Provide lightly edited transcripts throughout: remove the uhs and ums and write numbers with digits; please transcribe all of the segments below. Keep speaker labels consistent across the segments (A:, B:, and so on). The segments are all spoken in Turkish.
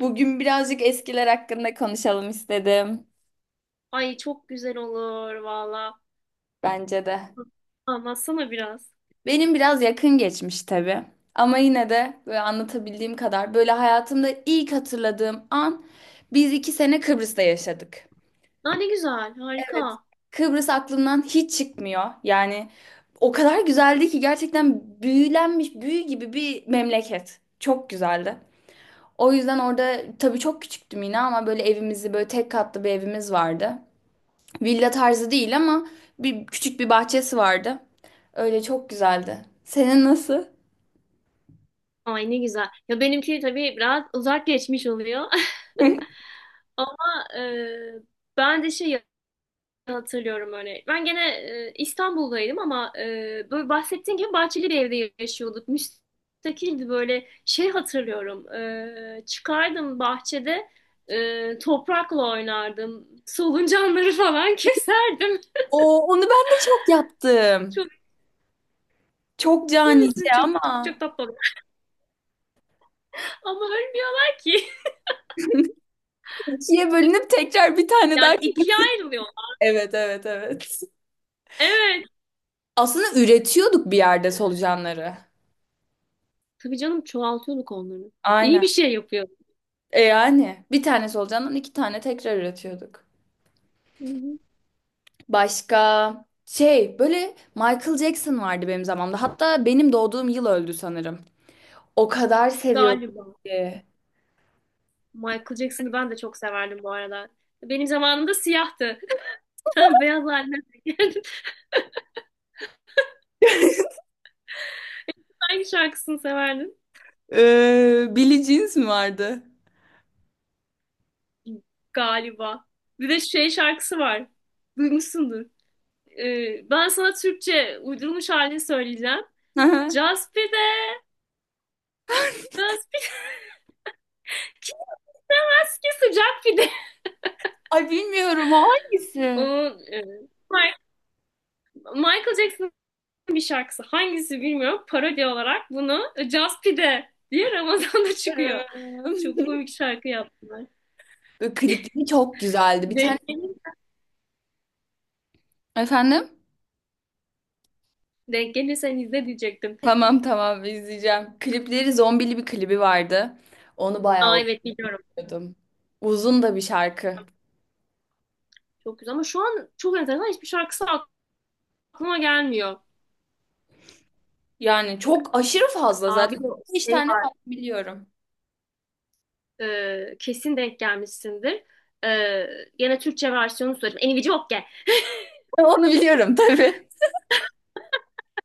A: Bugün birazcık eskiler hakkında konuşalım istedim.
B: Ay çok güzel olur valla.
A: Bence de.
B: Anlatsana biraz.
A: Benim biraz yakın geçmiş tabii. Ama yine de böyle anlatabildiğim kadar böyle hayatımda ilk hatırladığım an biz 2 sene Kıbrıs'ta yaşadık.
B: Aa, ne güzel,
A: Evet.
B: harika.
A: Kıbrıs aklımdan hiç çıkmıyor. Yani o kadar güzeldi ki gerçekten büyülenmiş büyü gibi bir memleket. Çok güzeldi. O yüzden orada tabii çok küçüktüm yine ama böyle evimizi böyle tek katlı bir evimiz vardı. Villa tarzı değil ama bir küçük bir bahçesi vardı. Öyle çok güzeldi. Senin nasıl?
B: Ay ne güzel. Ya benimki tabii biraz uzak geçmiş oluyor. Ama ben de şey hatırlıyorum öyle. Ben gene İstanbul'daydım ama böyle bahsettiğin gibi bahçeli bir evde yaşıyorduk. Müstakildi böyle şey hatırlıyorum. Çıkardım bahçede toprakla oynardım. Soluncanları falan keserdim.
A: Oo, onu ben de çok yaptım.
B: Çok
A: Çok canice
B: Kimisi çok
A: ama.
B: çok tatlı oluyor. Ama ölmüyorlar ki.
A: İkiye bölünüp tekrar bir tane daha
B: Yani ikiye
A: kırmızı.
B: ayrılıyor.
A: Evet, evet, evet.
B: Evet.
A: Aslında üretiyorduk bir yerde solucanları.
B: Tabii canım çoğaltıyorduk onları. İyi
A: Aynen.
B: bir şey yapıyor.
A: E yani bir tane solucandan iki tane tekrar üretiyorduk.
B: Hı hı.
A: Başka şey böyle Michael Jackson vardı benim zamanımda. Hatta benim doğduğum yıl öldü sanırım. O kadar seviyordum
B: Galiba.
A: ki.
B: Michael Jackson'ı ben de çok severdim bu arada. Benim zamanımda siyahtı. Sen beyaz haline geldim. Hangi şarkısını severdin?
A: Billie Jeans mi vardı?
B: Galiba. Bir de şey şarkısı var. Duymuşsundur. Ben sana Türkçe uydurulmuş halini söyleyeceğim.
A: Hı hı.
B: Just pide, just pide. Keski sıcak pide.
A: Ay bilmiyorum o hangisi?
B: Onun Michael Jackson'ın bir şarkısı, hangisi bilmiyorum, parodi olarak bunu Just Pide diye Ramazan'da çıkıyor. Çok
A: Bilmiyorum.
B: komik şarkı yaptılar.
A: Böyle klipleri çok güzeldi. Bir tane
B: Denk,
A: efendim?
B: denk gelirsen izle diyecektim.
A: Tamam, tamam, izleyeceğim. Klipleri zombili bir klibi vardı. Onu bayağı
B: Aa, evet biliyorum.
A: okuyordum. Uzun da bir şarkı.
B: Çok güzel ama şu an çok enteresan hiçbir şarkısı aklıma gelmiyor.
A: Yani çok aşırı fazla
B: Abi
A: zaten.
B: bir de
A: Beş
B: şey
A: tane
B: var.
A: falan biliyorum.
B: Kesin denk gelmişsindir. E, Gene Türkçe versiyonu söyleyeyim. Eni Viciokge.
A: Onu biliyorum tabii.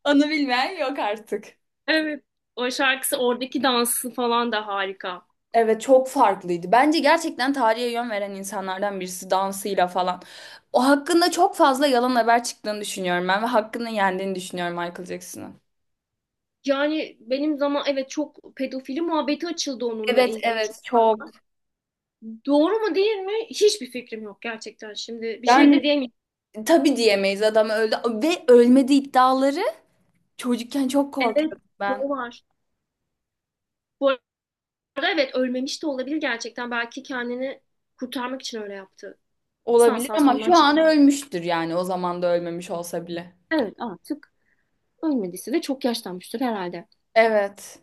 A: Onu bilmeyen yok artık.
B: Evet. O şarkısı, oradaki dansı falan da harika.
A: Evet çok farklıydı. Bence gerçekten tarihe yön veren insanlardan birisi dansıyla falan. O hakkında çok fazla yalan haber çıktığını düşünüyorum ben ve hakkını yendiğini düşünüyorum Michael Jackson'ın.
B: Yani benim zaman evet çok pedofili muhabbeti açıldı onunla
A: Evet,
B: ilgili. Çok,
A: evet, çok.
B: doğru mu değil mi? Hiçbir fikrim yok gerçekten şimdi. Bir şey
A: Yani
B: de diyemeyim.
A: tabii diyemeyiz adam öldü ve ölmedi iddiaları çocukken çok
B: Evet
A: korkuyordum ben.
B: doğru var. Bu arada evet, ölmemiş de olabilir gerçekten. Belki kendini kurtarmak için öyle yaptı.
A: Olabilir ama
B: Sansasyondan
A: şu an
B: çıktı.
A: ölmüştür yani o zaman da ölmemiş olsa bile.
B: Evet, artık ölmediyse de çok yaşlanmıştır herhalde.
A: Evet.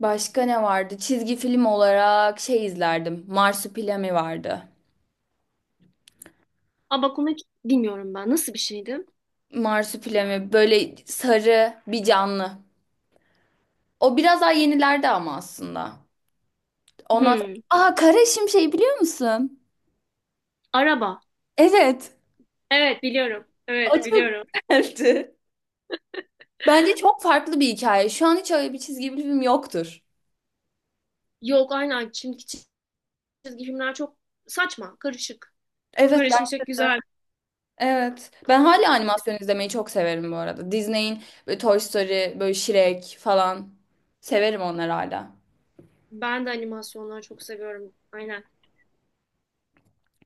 A: Başka ne vardı? Çizgi film olarak şey izlerdim. Marsupilami vardı.
B: Ama bak, hiç bilmiyorum ben. Nasıl bir şeydi?
A: Marsupilami böyle sarı bir canlı. O biraz daha yenilerde ama aslında. Ondan
B: Hmm,
A: sonra... Aa, kara şimşeği biliyor musun?
B: Araba.
A: Evet.
B: Evet biliyorum.
A: O
B: Evet
A: çok
B: biliyorum.
A: güzeldi. Bence çok farklı bir hikaye. Şu an hiç öyle bir çizgi film yoktur.
B: Yok aynen. Şimdiki çizgi filmler çok saçma, karışık.
A: Evet ben
B: Karışmışlık güzel.
A: evet. Ben hala animasyon izlemeyi çok severim bu arada. Disney'in böyle Toy Story, böyle Shrek falan severim onları hala.
B: Ben de animasyonları çok seviyorum. Aynen.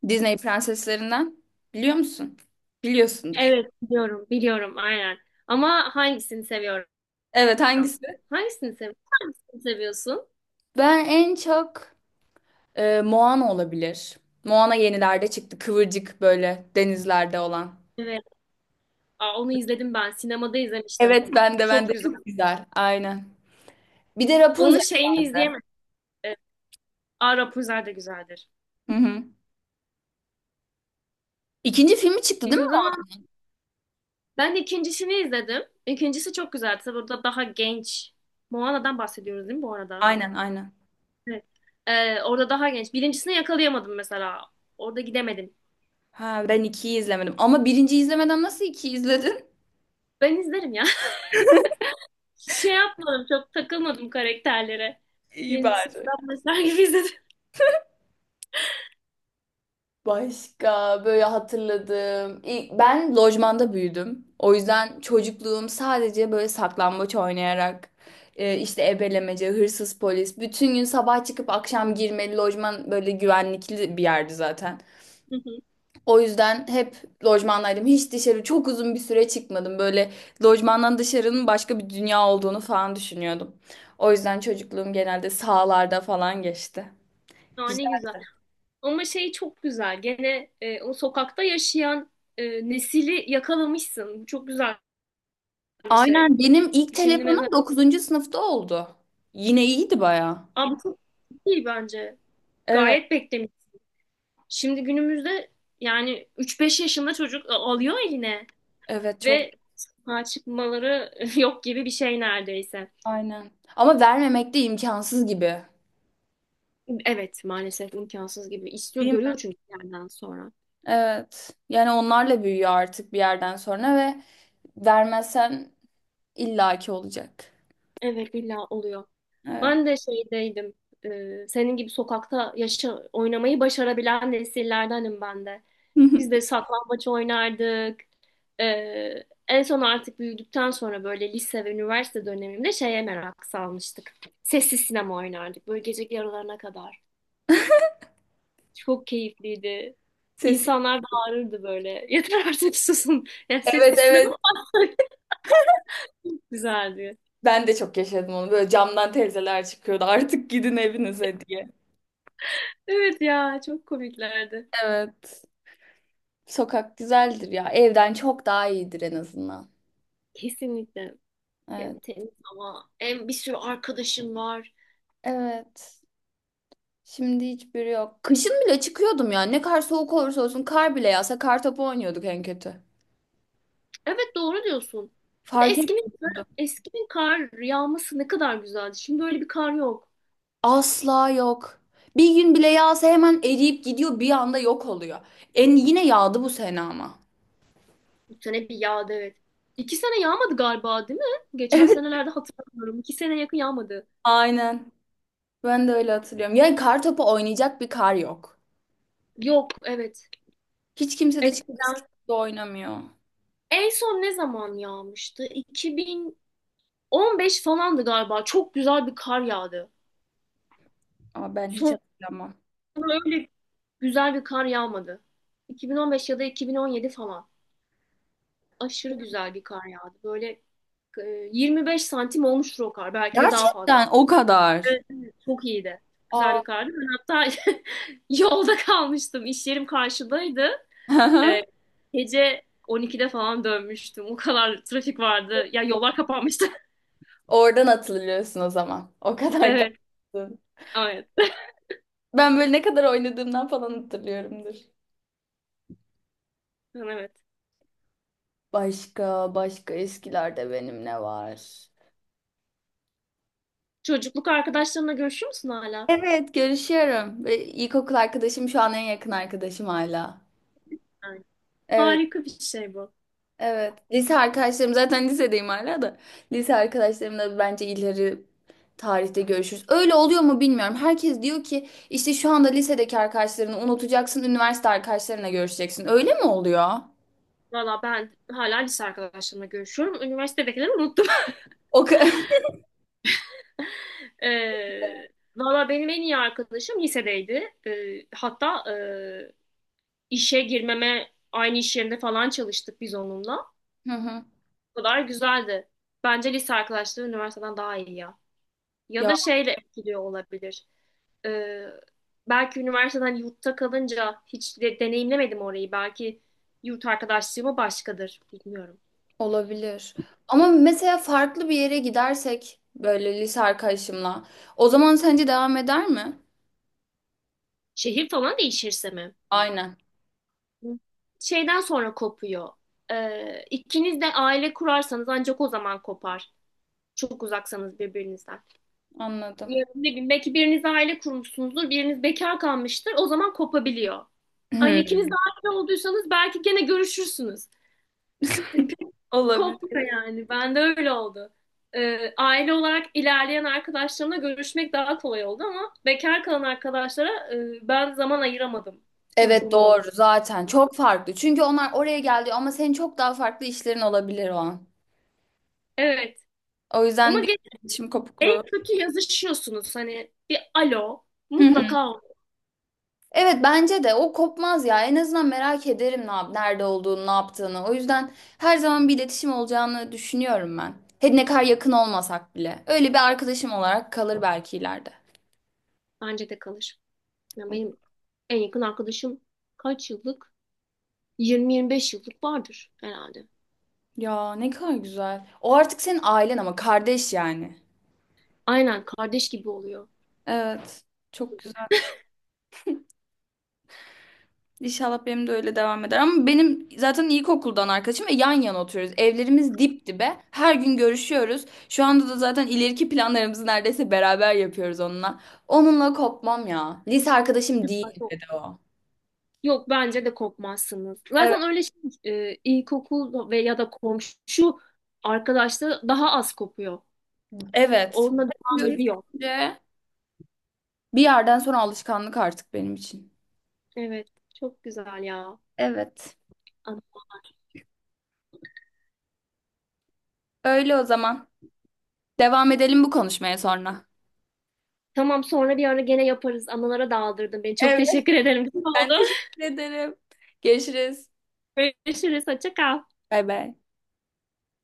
A: Disney prenseslerinden biliyor musun? Biliyorsundur.
B: Evet biliyorum. Biliyorum aynen. Ama hangisini seviyorum?
A: Evet, hangisi?
B: Hangisini seviyorsun? Hangisini seviyorsun?
A: Ben en çok Moana olabilir. Moana yenilerde çıktı. Kıvırcık böyle denizlerde olan.
B: Evet. Aa, onu izledim ben. Sinemada izlemiştim.
A: Evet ben de ben
B: Çok
A: de
B: güzel.
A: çok güzel. Aynen. Bir de
B: Onun
A: Rapunzel.
B: şeyini izleyemedim. Ee, Aa, Rapunzel de güzeldir.
A: Hı hı. İkinci filmi çıktı değil mi?
B: Bizim zaman ben ikincisini izledim. İkincisi çok güzeldi. Tabii orada daha genç. Moana'dan bahsediyoruz değil mi bu arada?
A: Aynen, aynen.
B: Evet. Orada daha genç. Birincisini yakalayamadım mesela. Orada gidemedim.
A: Ha ben ikiyi izlemedim. Ama birinciyi izlemeden nasıl ikiyi izledin?
B: Ben izlerim ya. Şey yapmadım, çok takılmadım karakterlere.
A: İyi
B: Yeni
A: bari.
B: sıfırdan başlar gibi izledim.
A: Başka böyle hatırladığım. Ben lojmanda büyüdüm. O yüzden çocukluğum sadece böyle saklambaç oynayarak işte ebelemece, hırsız polis. Bütün gün sabah çıkıp akşam girmeli lojman böyle güvenlikli bir yerdi zaten.
B: Hı hı.
A: O yüzden hep lojmandaydım. Hiç dışarı çok uzun bir süre çıkmadım. Böyle lojmandan dışarının başka bir dünya olduğunu falan düşünüyordum. O yüzden çocukluğum genelde sahalarda falan geçti.
B: Aa, ne güzel. Ama şey çok güzel. Gene o sokakta yaşayan nesili yakalamışsın. Bu çok güzel bir şey.
A: Aynen benim ilk
B: Şimdi
A: telefonum
B: mesela.
A: 9. sınıfta oldu. Yine iyiydi baya.
B: Aa, bu çok iyi bence.
A: Evet,
B: Gayet beklemiş. Şimdi günümüzde yani üç beş yaşında çocuk alıyor eline
A: evet, çok
B: ve sokağa çıkmaları yok gibi bir şey neredeyse.
A: aynen. Ama vermemek de imkansız gibi.
B: Evet maalesef imkansız gibi. İstiyor,
A: Değil mi?
B: görüyor çünkü bir yerden sonra.
A: Evet. Yani onlarla büyüyor artık bir yerden sonra ve vermezsen illaki olacak.
B: Evet, illa oluyor.
A: Evet.
B: Ben de şeydeydim. Senin gibi sokakta yaşa, oynamayı başarabilen nesillerdenim ben de. Biz de saklambaç oynardık. E, En son artık büyüdükten sonra böyle lise ve üniversite dönemimde şeye merak salmıştık. Sessiz sinema oynardık böyle gece yarılarına kadar. Çok keyifliydi.
A: Ses.
B: İnsanlar bağırırdı böyle. Yeter artık, susun. Yani sessiz
A: Evet, evet.
B: sinema güzeldi.
A: Ben de çok yaşadım onu. Böyle camdan teyzeler çıkıyordu. Artık gidin evinize diye.
B: Evet ya, çok komiklerdi.
A: Evet. Sokak güzeldir ya. Evden çok daha iyidir en azından.
B: Kesinlikle.
A: Evet.
B: Hem temiz hava hem bir sürü arkadaşım var.
A: Evet. Şimdi hiçbiri yok. Kışın bile çıkıyordum ya. Ne kadar soğuk olursa olsun kar bile yağsa kar topu oynuyorduk en kötü.
B: Evet doğru diyorsun. Bir de
A: Fark
B: eskinin,
A: etmiyordu.
B: eskinin kar yağması ne kadar güzeldi. Şimdi öyle bir kar yok.
A: Asla yok. Bir gün bile yağsa hemen eriyip gidiyor bir anda yok oluyor. En yine yağdı bu sene ama.
B: Bir sene bir yağdı evet. İki sene yağmadı galiba değil mi? Geçen senelerde hatırlamıyorum. İki sene yakın yağmadı.
A: Aynen. Ben de öyle hatırlıyorum. Yani kar topu oynayacak bir kar yok.
B: Yok evet.
A: Hiç kimse de çıkıp eski
B: Eskiden.
A: gibi oynamıyor.
B: En son ne zaman yağmıştı? 2015 falandı galiba. Çok güzel bir kar yağdı.
A: Aa, ben hiç
B: Sonra
A: hatırlamam.
B: öyle güzel bir kar yağmadı. 2015 ya da 2017 falan. Aşırı güzel bir kar yağdı. Böyle e, 25 santim olmuştur o kar. Belki de daha fazla.
A: Gerçekten o kadar.
B: Evet, evet. Çok iyiydi. Güzel
A: Aa.
B: bir kardı. Ben hatta yolda kalmıştım. İş yerim karşıdaydı. E, Gece 12'de falan dönmüştüm. O kadar trafik vardı. Ya, yollar kapanmıştı.
A: Oradan hatırlıyorsun o zaman. O kadar
B: Evet,
A: kalsın.
B: evet.
A: Ben böyle ne kadar oynadığımdan falan hatırlıyorumdur.
B: Evet.
A: Başka eskilerde benim ne var?
B: Çocukluk arkadaşlarınla görüşüyor musun hala?
A: Evet, görüşüyorum. Ve İlkokul arkadaşım şu an en yakın arkadaşım hala.
B: Aynen.
A: Evet,
B: Harika bir şey bu.
A: evet. Lise arkadaşlarım zaten lisedeyim hala da. Lise arkadaşlarımla bence ileri tarihte görüşürüz. Öyle oluyor mu bilmiyorum. Herkes diyor ki işte şu anda lisedeki arkadaşlarını unutacaksın, üniversite arkadaşlarına görüşeceksin. Öyle mi oluyor?
B: Valla ben hala lise arkadaşlarımla görüşüyorum. Üniversitedekileri unuttum.
A: O kadar.
B: Ee, Valla benim en iyi arkadaşım lisedeydi. Hatta işe girmeme aynı iş yerinde falan çalıştık biz onunla.
A: Hı hı.
B: O kadar güzeldi. Bence lise arkadaşları üniversiteden daha iyi ya. Ya
A: Ya.
B: da şeyle etkiliyor olabilir. Ee, Belki üniversiteden, yurtta kalınca hiç deneyimlemedim orayı. Belki yurt arkadaşlığıma başkadır. Bilmiyorum.
A: Olabilir. Ama mesela farklı bir yere gidersek böyle lise arkadaşımla o zaman sence devam eder mi?
B: Şehir falan değişirse mi?
A: Aynen.
B: Şeyden sonra kopuyor. İkiniz de aile kurarsanız ancak o zaman kopar. Çok uzaksanız birbirinizden.
A: Anladım.
B: Ya, ne bileyim, belki biriniz aile kurmuşsunuzdur, biriniz bekar kalmıştır. O zaman kopabiliyor. Hani ikiniz de aile olduysanız belki gene görüşürsünüz. Yani pek
A: Olabilir.
B: kopmuyor yani. Ben de öyle oldu. Aile olarak ilerleyen arkadaşlarımla görüşmek daha kolay oldu ama bekar kalan arkadaşlara ben zaman ayıramadım.
A: Evet
B: Çocuğum oldu.
A: doğru zaten çok farklı. Çünkü onlar oraya geldi ama senin çok daha farklı işlerin olabilir o an.
B: Evet.
A: O
B: Ama
A: yüzden bir iletişim
B: en
A: kopukluğu.
B: kötü yazışıyorsunuz. Hani bir alo mutlaka olur.
A: Evet bence de o kopmaz ya. En azından merak ederim ne yap nerede olduğunu, ne yaptığını. O yüzden her zaman bir iletişim olacağını düşünüyorum ben. Hadi ne kadar yakın olmasak bile. Öyle bir arkadaşım olarak kalır belki ileride.
B: Bence de kalır. Yani benim en yakın arkadaşım kaç yıllık? 20-25 yıllık vardır herhalde.
A: Ya ne kadar güzel. O artık senin ailen ama kardeş yani.
B: Aynen, kardeş gibi oluyor.
A: Evet. Çok güzel. İnşallah benim de öyle devam eder. Ama benim zaten ilkokuldan arkadaşım ve yan yana oturuyoruz. Evlerimiz dip dibe. Her gün görüşüyoruz. Şu anda da zaten ileriki planlarımızı neredeyse beraber yapıyoruz onunla. Onunla kopmam ya. Lise arkadaşım değil
B: Yok,
A: dedi o.
B: yok, bence de kopmazsınız.
A: Evet,
B: Zaten öyle şey, ilkokul ve ya da komşu arkadaşlığı daha az kopuyor.
A: evet.
B: Onunla devam ediyor.
A: Görüşünce bir yerden sonra alışkanlık artık benim için.
B: Evet, çok güzel ya.
A: Evet.
B: An-
A: Öyle o zaman. Devam edelim bu konuşmaya sonra.
B: Tamam, sonra bir ara gene yaparız. Anılara daldırdın beni. Çok
A: Evet,
B: teşekkür ederim. Güzel
A: ben
B: oldu.
A: teşekkür ederim. Görüşürüz.
B: Görüşürüz. Hoşça kal.
A: Bay bay.